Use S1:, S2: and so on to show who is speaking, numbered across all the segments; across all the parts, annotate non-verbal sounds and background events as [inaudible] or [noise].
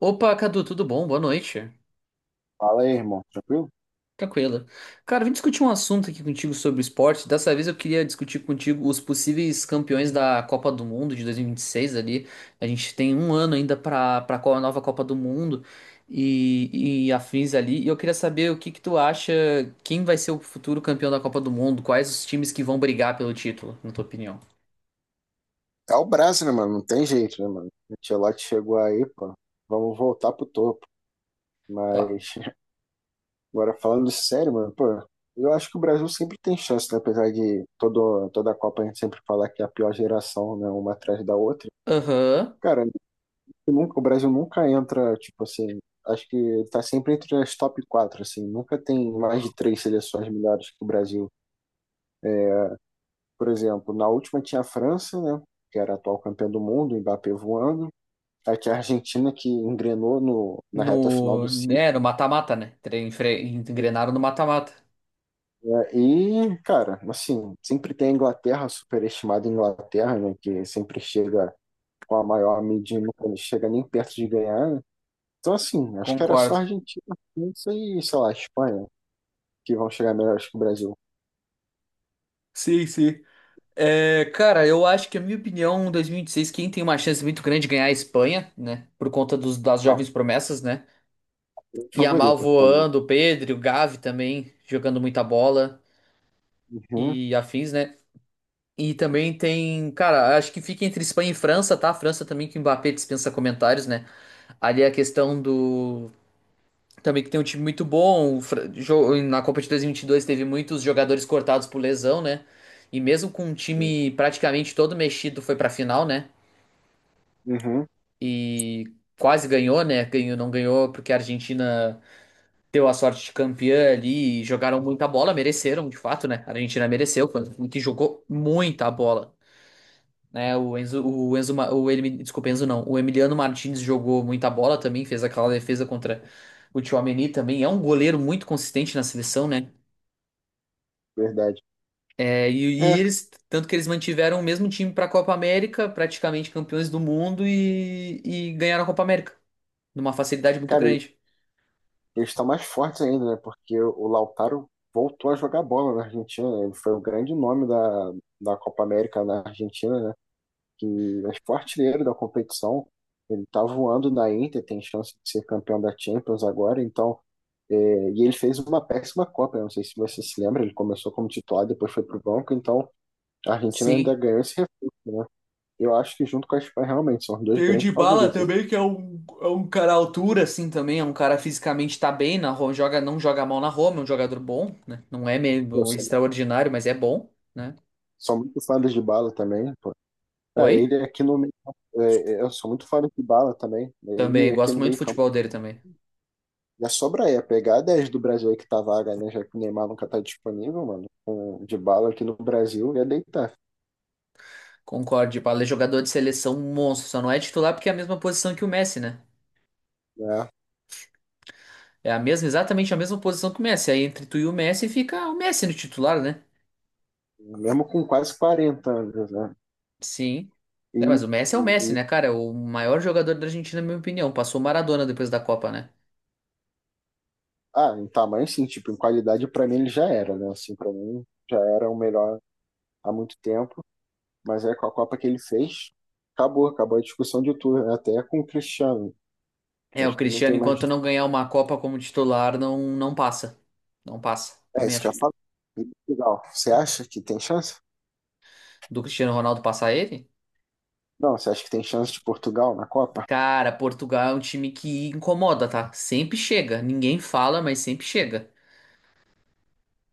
S1: Opa, Cadu, tudo bom? Boa noite.
S2: Fala aí, irmão. Tranquilo?
S1: Tranquilo. Cara, vim discutir um assunto aqui contigo sobre esporte. Dessa vez eu queria discutir contigo os possíveis campeões da Copa do Mundo de 2026 ali. A gente tem um ano ainda para a nova Copa do Mundo e afins ali. E eu queria saber o que que tu acha, quem vai ser o futuro campeão da Copa do Mundo? Quais os times que vão brigar pelo título, na tua opinião?
S2: É o Brasil, né, mano? Não tem jeito, né, mano? O Ancelotti chegou aí, pô. Vamos voltar pro topo.
S1: Tá.
S2: Mas, [laughs] agora falando sério, mano, pô, eu acho que o Brasil sempre tem chance, né? Apesar de todo, toda a Copa a gente sempre falar que é a pior geração, né? Uma atrás da outra.
S1: Aham.
S2: Cara, o Brasil nunca entra, tipo assim, acho que ele tá sempre entre as top 4 assim. Nunca tem mais de três seleções melhores que o Brasil. Por exemplo, na última tinha a França, né? Que era a atual campeã do mundo, o Mbappé voando. A que a Argentina que engrenou no, na reta final do
S1: No,
S2: ciclo,
S1: né, no mata-mata, né? Engrenaram no mata-mata.
S2: né? E, cara, assim, sempre tem a Inglaterra, superestimada Inglaterra, né, que sempre chega com a maior mídia e nunca chega nem perto de ganhar, né? Então, assim, acho que era só
S1: Concordo.
S2: a Argentina, França e, sei lá, a Espanha, que vão chegar melhores que o Brasil.
S1: Sim, sim. É, cara, eu acho que, a minha opinião, em 2026, quem tem uma chance muito grande de ganhar é a Espanha, né? Por conta dos, das
S2: Não,
S1: jovens promessas, né? Yamal
S2: favorita também.
S1: voando, o Pedri, o Gavi também jogando muita bola
S2: Uhum,
S1: e afins, né? E também tem, cara, acho que fica entre Espanha e França, tá? França também que o Mbappé dispensa comentários, né? Ali é a questão do. Também que tem um time muito bom. O Na Copa de 2022 teve muitos jogadores cortados por lesão, né? E mesmo com um
S2: sim,
S1: time praticamente todo mexido, foi pra final, né?
S2: uhum,
S1: E quase ganhou, né? Ganhou, não ganhou porque a Argentina deu a sorte de campeã ali e jogaram muita bola, mereceram, de fato, né? A Argentina mereceu, foi um que jogou muita bola, né? O Enzo, desculpa, Enzo não, o Emiliano Martins jogou muita bola também, fez aquela defesa contra o Tchouaméni também, é um goleiro muito consistente na seleção, né?
S2: verdade.
S1: É, e
S2: É,
S1: eles, tanto que eles mantiveram o mesmo time para a Copa América, praticamente campeões do mundo e ganharam a Copa América numa facilidade muito
S2: cara,
S1: grande.
S2: eles estão mais fortes ainda, né? Porque o Lautaro voltou a jogar bola na Argentina, né? Ele foi o grande nome da Copa América na Argentina, né? Que é o artilheiro da competição. Ele tá voando na Inter, tem chance de ser campeão da Champions agora, então. é, e ele fez uma péssima Copa, né? Não sei se você se lembra, ele começou como titular, depois foi pro banco, então a Argentina ainda
S1: Sim.
S2: ganhou esse reforço, né? Eu acho que junto com a Espanha, realmente, são os dois
S1: Tem o
S2: grandes
S1: Dybala
S2: favoritos.
S1: também, que é um cara à altura, assim, também. É um cara fisicamente tá bem, na Roma, joga, não joga mal na Roma, é um jogador bom, né? Não é
S2: Eu
S1: meio
S2: sou,
S1: extraordinário, mas é bom, né?
S2: sou muito fã do Dybala também, pô.
S1: Oi?
S2: Ele aqui no meio, eu sou muito fã do Dybala também, né? Ele
S1: Também,
S2: aqui
S1: gosto
S2: no
S1: muito do
S2: meio campo
S1: futebol dele também.
S2: já sobra aí, é pegar 10 do Brasil aí que tá vaga, né? Já que o Neymar nunca tá disponível, mano. Com o Dybala aqui no Brasil ia deitar,
S1: Concordo, Dybala é jogador de seleção monstro, só não é titular porque é a mesma posição que o Messi, né?
S2: né?
S1: É a mesma, exatamente a mesma posição que o Messi. Aí entre tu e o Messi fica o Messi no titular, né?
S2: Mesmo com quase 40 anos, né?
S1: Sim.
S2: E,
S1: É, mas o Messi é
S2: e,
S1: o Messi,
S2: e-
S1: né, cara? É o maior jogador da Argentina, na minha opinião. Passou o Maradona depois da Copa, né?
S2: ah, em tamanho sim, tipo, em qualidade pra mim ele já era, né? Assim, pra mim já era o melhor há muito tempo, mas é com a Copa que ele fez, acabou, acabou a discussão de tudo, né? Até com o Cristiano.
S1: É, o
S2: Acho que não
S1: Cristiano,
S2: tem mais.
S1: enquanto não ganhar uma Copa como titular, não, não passa. Não passa.
S2: É
S1: Também
S2: isso que
S1: acho
S2: eu
S1: que
S2: falo. E Portugal, você acha que tem chance?
S1: do Cristiano Ronaldo passar ele.
S2: Não, você acha que tem chance de Portugal na Copa?
S1: Cara, Portugal é um time que incomoda, tá? Sempre chega. Ninguém fala, mas sempre chega.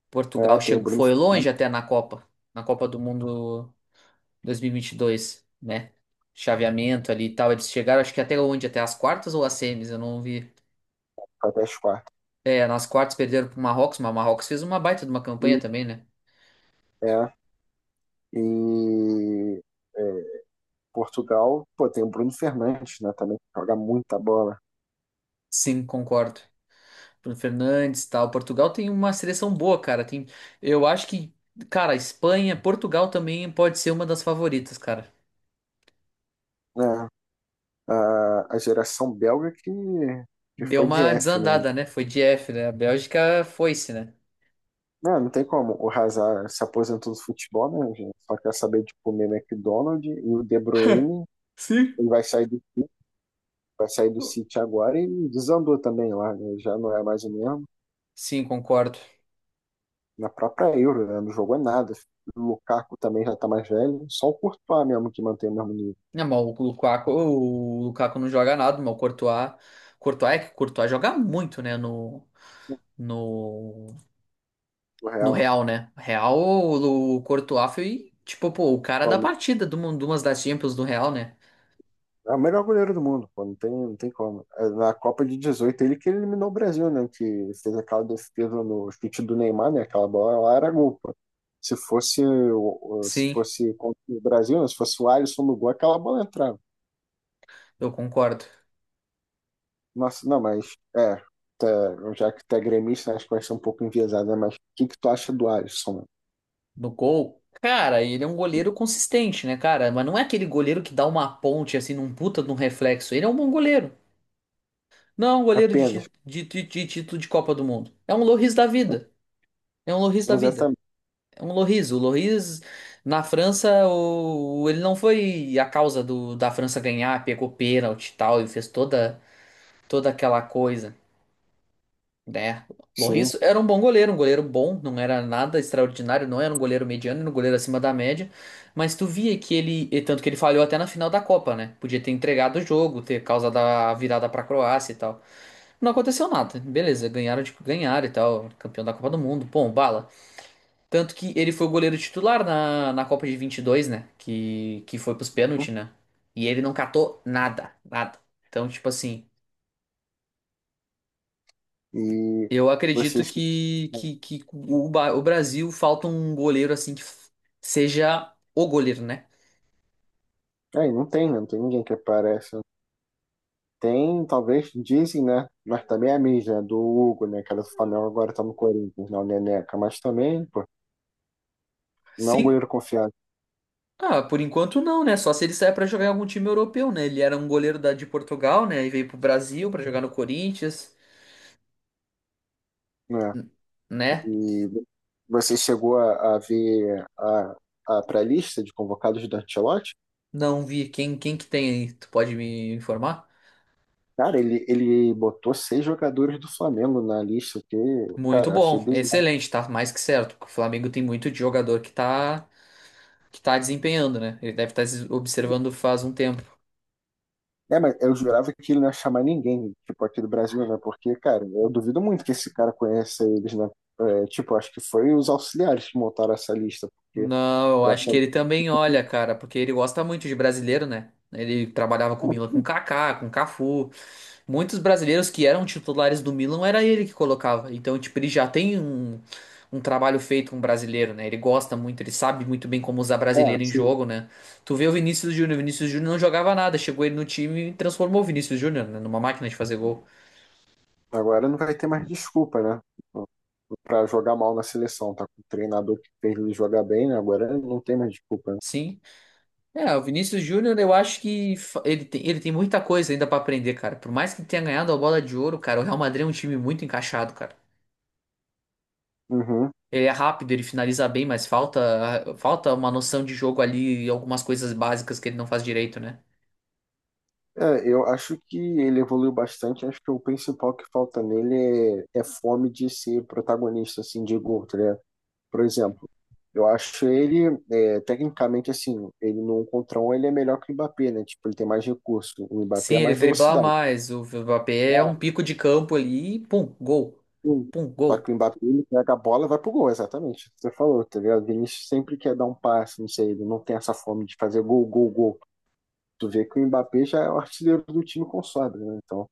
S1: Portugal
S2: É, tem o
S1: chegou,
S2: Bruno
S1: foi longe
S2: Fernandes
S1: até na Copa. Na Copa do Mundo dois mil e vinte e dois, né? Chaveamento ali e tal. Eles chegaram, acho que até onde? Até as quartas ou as semis? Eu não vi.
S2: que foi até as quartas.
S1: É, nas quartas perderam pro Marrocos, mas o Marrocos fez uma baita de uma campanha
S2: E,
S1: também, né?
S2: é, e é, Portugal, pô, tem o Bruno Fernandes, né, também, que joga muita bola,
S1: Sim, concordo. Bruno Fernandes, e tal. Portugal tem uma seleção boa, cara. Tem, eu acho que, cara, Espanha, Portugal também pode ser uma das favoritas, cara.
S2: né? A geração belga que
S1: Deu
S2: foi de
S1: uma
S2: F, né?
S1: desandada, né? Foi de F, né? A Bélgica foi-se, né?
S2: Não, não tem como. O Hazard se aposentou do futebol, né, gente? Só quer saber de comer McDonald's. E o De Bruyne,
S1: Sim.
S2: ele vai sair do City agora e desandou também lá, né? Já não é mais o mesmo.
S1: Sim, concordo.
S2: Na própria Euro, né? Não jogou nada. O Lukaku também já tá mais velho, só o Courtois mesmo que mantém o mesmo nível,
S1: Não, mas o Lukaku não joga nada, mas o Courtois, Courtois é que o Courtois joga muito, né? No,
S2: né?
S1: no
S2: O
S1: No
S2: Real,
S1: Real, né? Real, o Courtois foi, tipo, pô, o cara da
S2: atualmente.
S1: partida de uma de umas das Champions do Real, né?
S2: É o melhor goleiro do mundo, pô, não tem, não tem como. É, na Copa de 18, ele que eliminou o Brasil, né? Que fez aquela defesa no chute do Neymar, né? Aquela bola lá era gol, pô. Se fosse, o- o- se
S1: Sim,
S2: fosse contra o Brasil, né? Se fosse o Alisson no gol, aquela bola entrava.
S1: eu concordo.
S2: Nossa, não, mas é, já que tu é gremista, acho que vai ser um pouco enviesadas, mas o que que tu acha do Alisson?
S1: No gol, cara, ele é um goleiro consistente, né, cara? Mas não é aquele goleiro que dá uma ponte, assim, num puta de um reflexo. Ele é um bom goleiro. Não é um goleiro de,
S2: Apenas,
S1: de título de Copa do Mundo. É um Lloris da vida. É um Lloris da vida.
S2: exatamente,
S1: É um Lloris. O Lloris, na França, o, ele não foi a causa do, da França ganhar, pegou pênalti e tal, e fez toda, toda aquela coisa. Né?
S2: sim.
S1: Lloris era um bom goleiro, um goleiro bom, não era nada extraordinário, não era um goleiro mediano, era um goleiro acima da média, mas tu via que ele, e tanto que ele falhou até na final da Copa, né? Podia ter entregado o jogo, ter causado a virada pra Croácia e tal. Não aconteceu nada, beleza, ganharam, tipo, ganharam e tal, campeão da Copa do Mundo, bom, bala. Tanto que ele foi o goleiro titular na, na Copa de vinte e dois, né? Que foi pros pênaltis, né? E ele não catou nada, nada. Então, tipo assim.
S2: E
S1: Eu acredito
S2: vocês.
S1: que, o, o Brasil falta um goleiro assim que seja o goleiro, né?
S2: Aí não tem, né? Não tem ninguém que aparece. Tem, talvez, dizem, né? Mas também é a mídia, né? Do Hugo, né? Que era do Flamengo, agora tá no Corinthians, não, Neneca. Mas também, pô, não é um
S1: Sim,
S2: goleiro confiável,
S1: ah, por enquanto não, né? Só se ele sair pra jogar em algum time europeu, né? Ele era um goleiro da, de Portugal, né? E veio pro Brasil pra jogar no Corinthians,
S2: né?
S1: n- né?
S2: E você chegou a ver a pré-lista de convocados do Ancelotti?
S1: Não vi quem, quem que tem aí, tu pode me informar?
S2: Cara, ele botou seis jogadores do Flamengo na lista, que,
S1: Muito
S2: cara, achei
S1: bom,
S2: bizarro.
S1: excelente, tá mais que certo. O Flamengo tem muito de jogador que tá desempenhando, né? Ele deve estar observando faz um tempo.
S2: É, mas eu jurava que ele não ia chamar ninguém, tipo, aqui do Brasil, né? Porque, cara, eu duvido muito que esse cara conheça eles, né? É, tipo, acho que foi os auxiliares que montaram essa lista, porque
S1: Não, eu
S2: eu acho
S1: acho
S2: que,
S1: que ele também olha, cara, porque ele gosta muito de brasileiro, né? Ele trabalhava com o Milan, com Kaká, com Cafu. Muitos brasileiros que eram titulares do Milan era ele que colocava. Então, tipo, ele já tem um, um trabalho feito com brasileiro, né? Ele gosta muito, ele sabe muito bem como usar
S2: é,
S1: brasileiro em
S2: assim,
S1: jogo, né? Tu vê o Vinícius Júnior não jogava nada, chegou ele no time e transformou o Vinícius Júnior, né, numa máquina de fazer gol.
S2: agora não vai ter mais desculpa, né? Pra jogar mal na seleção, tá com o treinador que fez ele jogar bem, né? Agora não tem mais desculpa, né?
S1: Sim. É, o Vinícius Júnior, eu acho que ele tem muita coisa ainda pra aprender, cara. Por mais que tenha ganhado a bola de ouro, cara, o Real Madrid é um time muito encaixado, cara.
S2: Uhum.
S1: Ele é rápido, ele finaliza bem, mas falta, falta uma noção de jogo ali e algumas coisas básicas que ele não faz direito, né?
S2: É, eu acho que ele evoluiu bastante. Acho que o principal que falta nele é fome de ser protagonista, assim, de gol, tá ligado? Por exemplo, eu acho ele, é, tecnicamente, assim, ele no um contra um, ele é melhor que o Mbappé, né? Tipo, ele tem mais recurso. O Mbappé
S1: Sim,
S2: é
S1: ele
S2: mais
S1: driblar
S2: velocidade.
S1: mais, o Mbappé é
S2: Ah,
S1: um pico de campo ali, e pum, gol.
S2: sim.
S1: Pum,
S2: Só
S1: gol.
S2: que o Mbappé, ele pega a bola e vai pro gol, exatamente. Você falou, tá ligado? O Vinícius sempre quer dar um passe, não sei, ele não tem essa fome de fazer gol, gol, gol. Tu vê que o Mbappé já é o artilheiro do time com sobra, né? Então.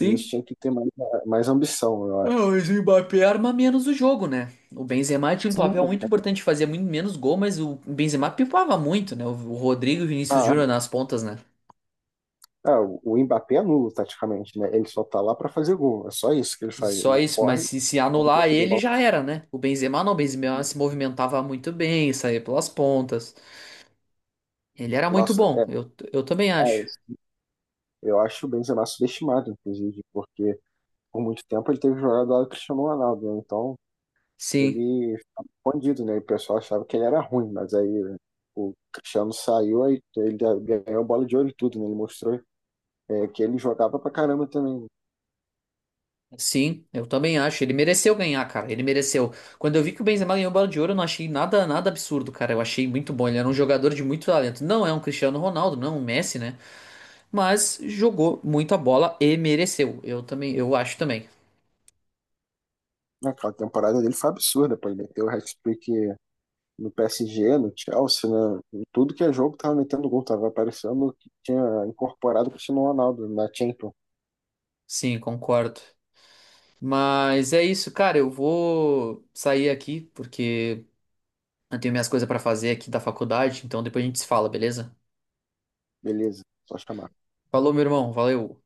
S2: Eles tinham que ter mais ambição, eu
S1: ah,
S2: acho.
S1: mas o Mbappé arma menos o jogo, né? O Benzema tinha um
S2: Sim,
S1: papel muito importante, fazia muito menos gol, mas o Benzema pipava muito, né? O Rodrigo e o Vinícius
S2: cara.
S1: Júnior nas pontas, né?
S2: Ah, é, o Mbappé é nulo, taticamente, né? Ele só tá lá pra fazer gol. É só isso que ele faz.
S1: Só
S2: Ele
S1: isso, mas
S2: corre,
S1: se anular
S2: toca de
S1: ele
S2: bola.
S1: já era, né? O Benzema não, o Benzema se movimentava muito bem, saía pelas pontas. Ele era muito
S2: Nossa,
S1: bom, eu também acho.
S2: é eu acho o Benzema subestimado, inclusive, porque por muito tempo ele teve jogado lá do Cristiano Ronaldo, né? Então
S1: Sim,
S2: ele ficava escondido, né? E o pessoal achava que ele era ruim, mas aí, né, o Cristiano saiu, aí ele ganhou a bola de ouro e tudo, né? Ele mostrou, é, que ele jogava pra caramba também, né?
S1: sim, eu também acho. Ele mereceu ganhar, cara, ele mereceu. Quando eu vi que o Benzema ganhou o Bola de Ouro, eu não achei nada, nada absurdo, cara. Eu achei muito bom, ele era um jogador de muito talento. Não é um Cristiano Ronaldo, não é um Messi, né? Mas jogou muito a bola e mereceu. Eu também, eu acho também.
S2: Aquela temporada dele foi absurda, pô. Ele meteu o hat-trick no PSG, no Chelsea, né? Em tudo que é jogo, tava metendo gol, tava aparecendo que tinha incorporado o Cristiano Ronaldo na Champions.
S1: Sim, concordo. Mas é isso, cara. Eu vou sair aqui porque eu tenho minhas coisas pra fazer aqui da faculdade, então depois a gente se fala, beleza?
S2: Beleza, só chamar.
S1: Falou, meu irmão. Valeu.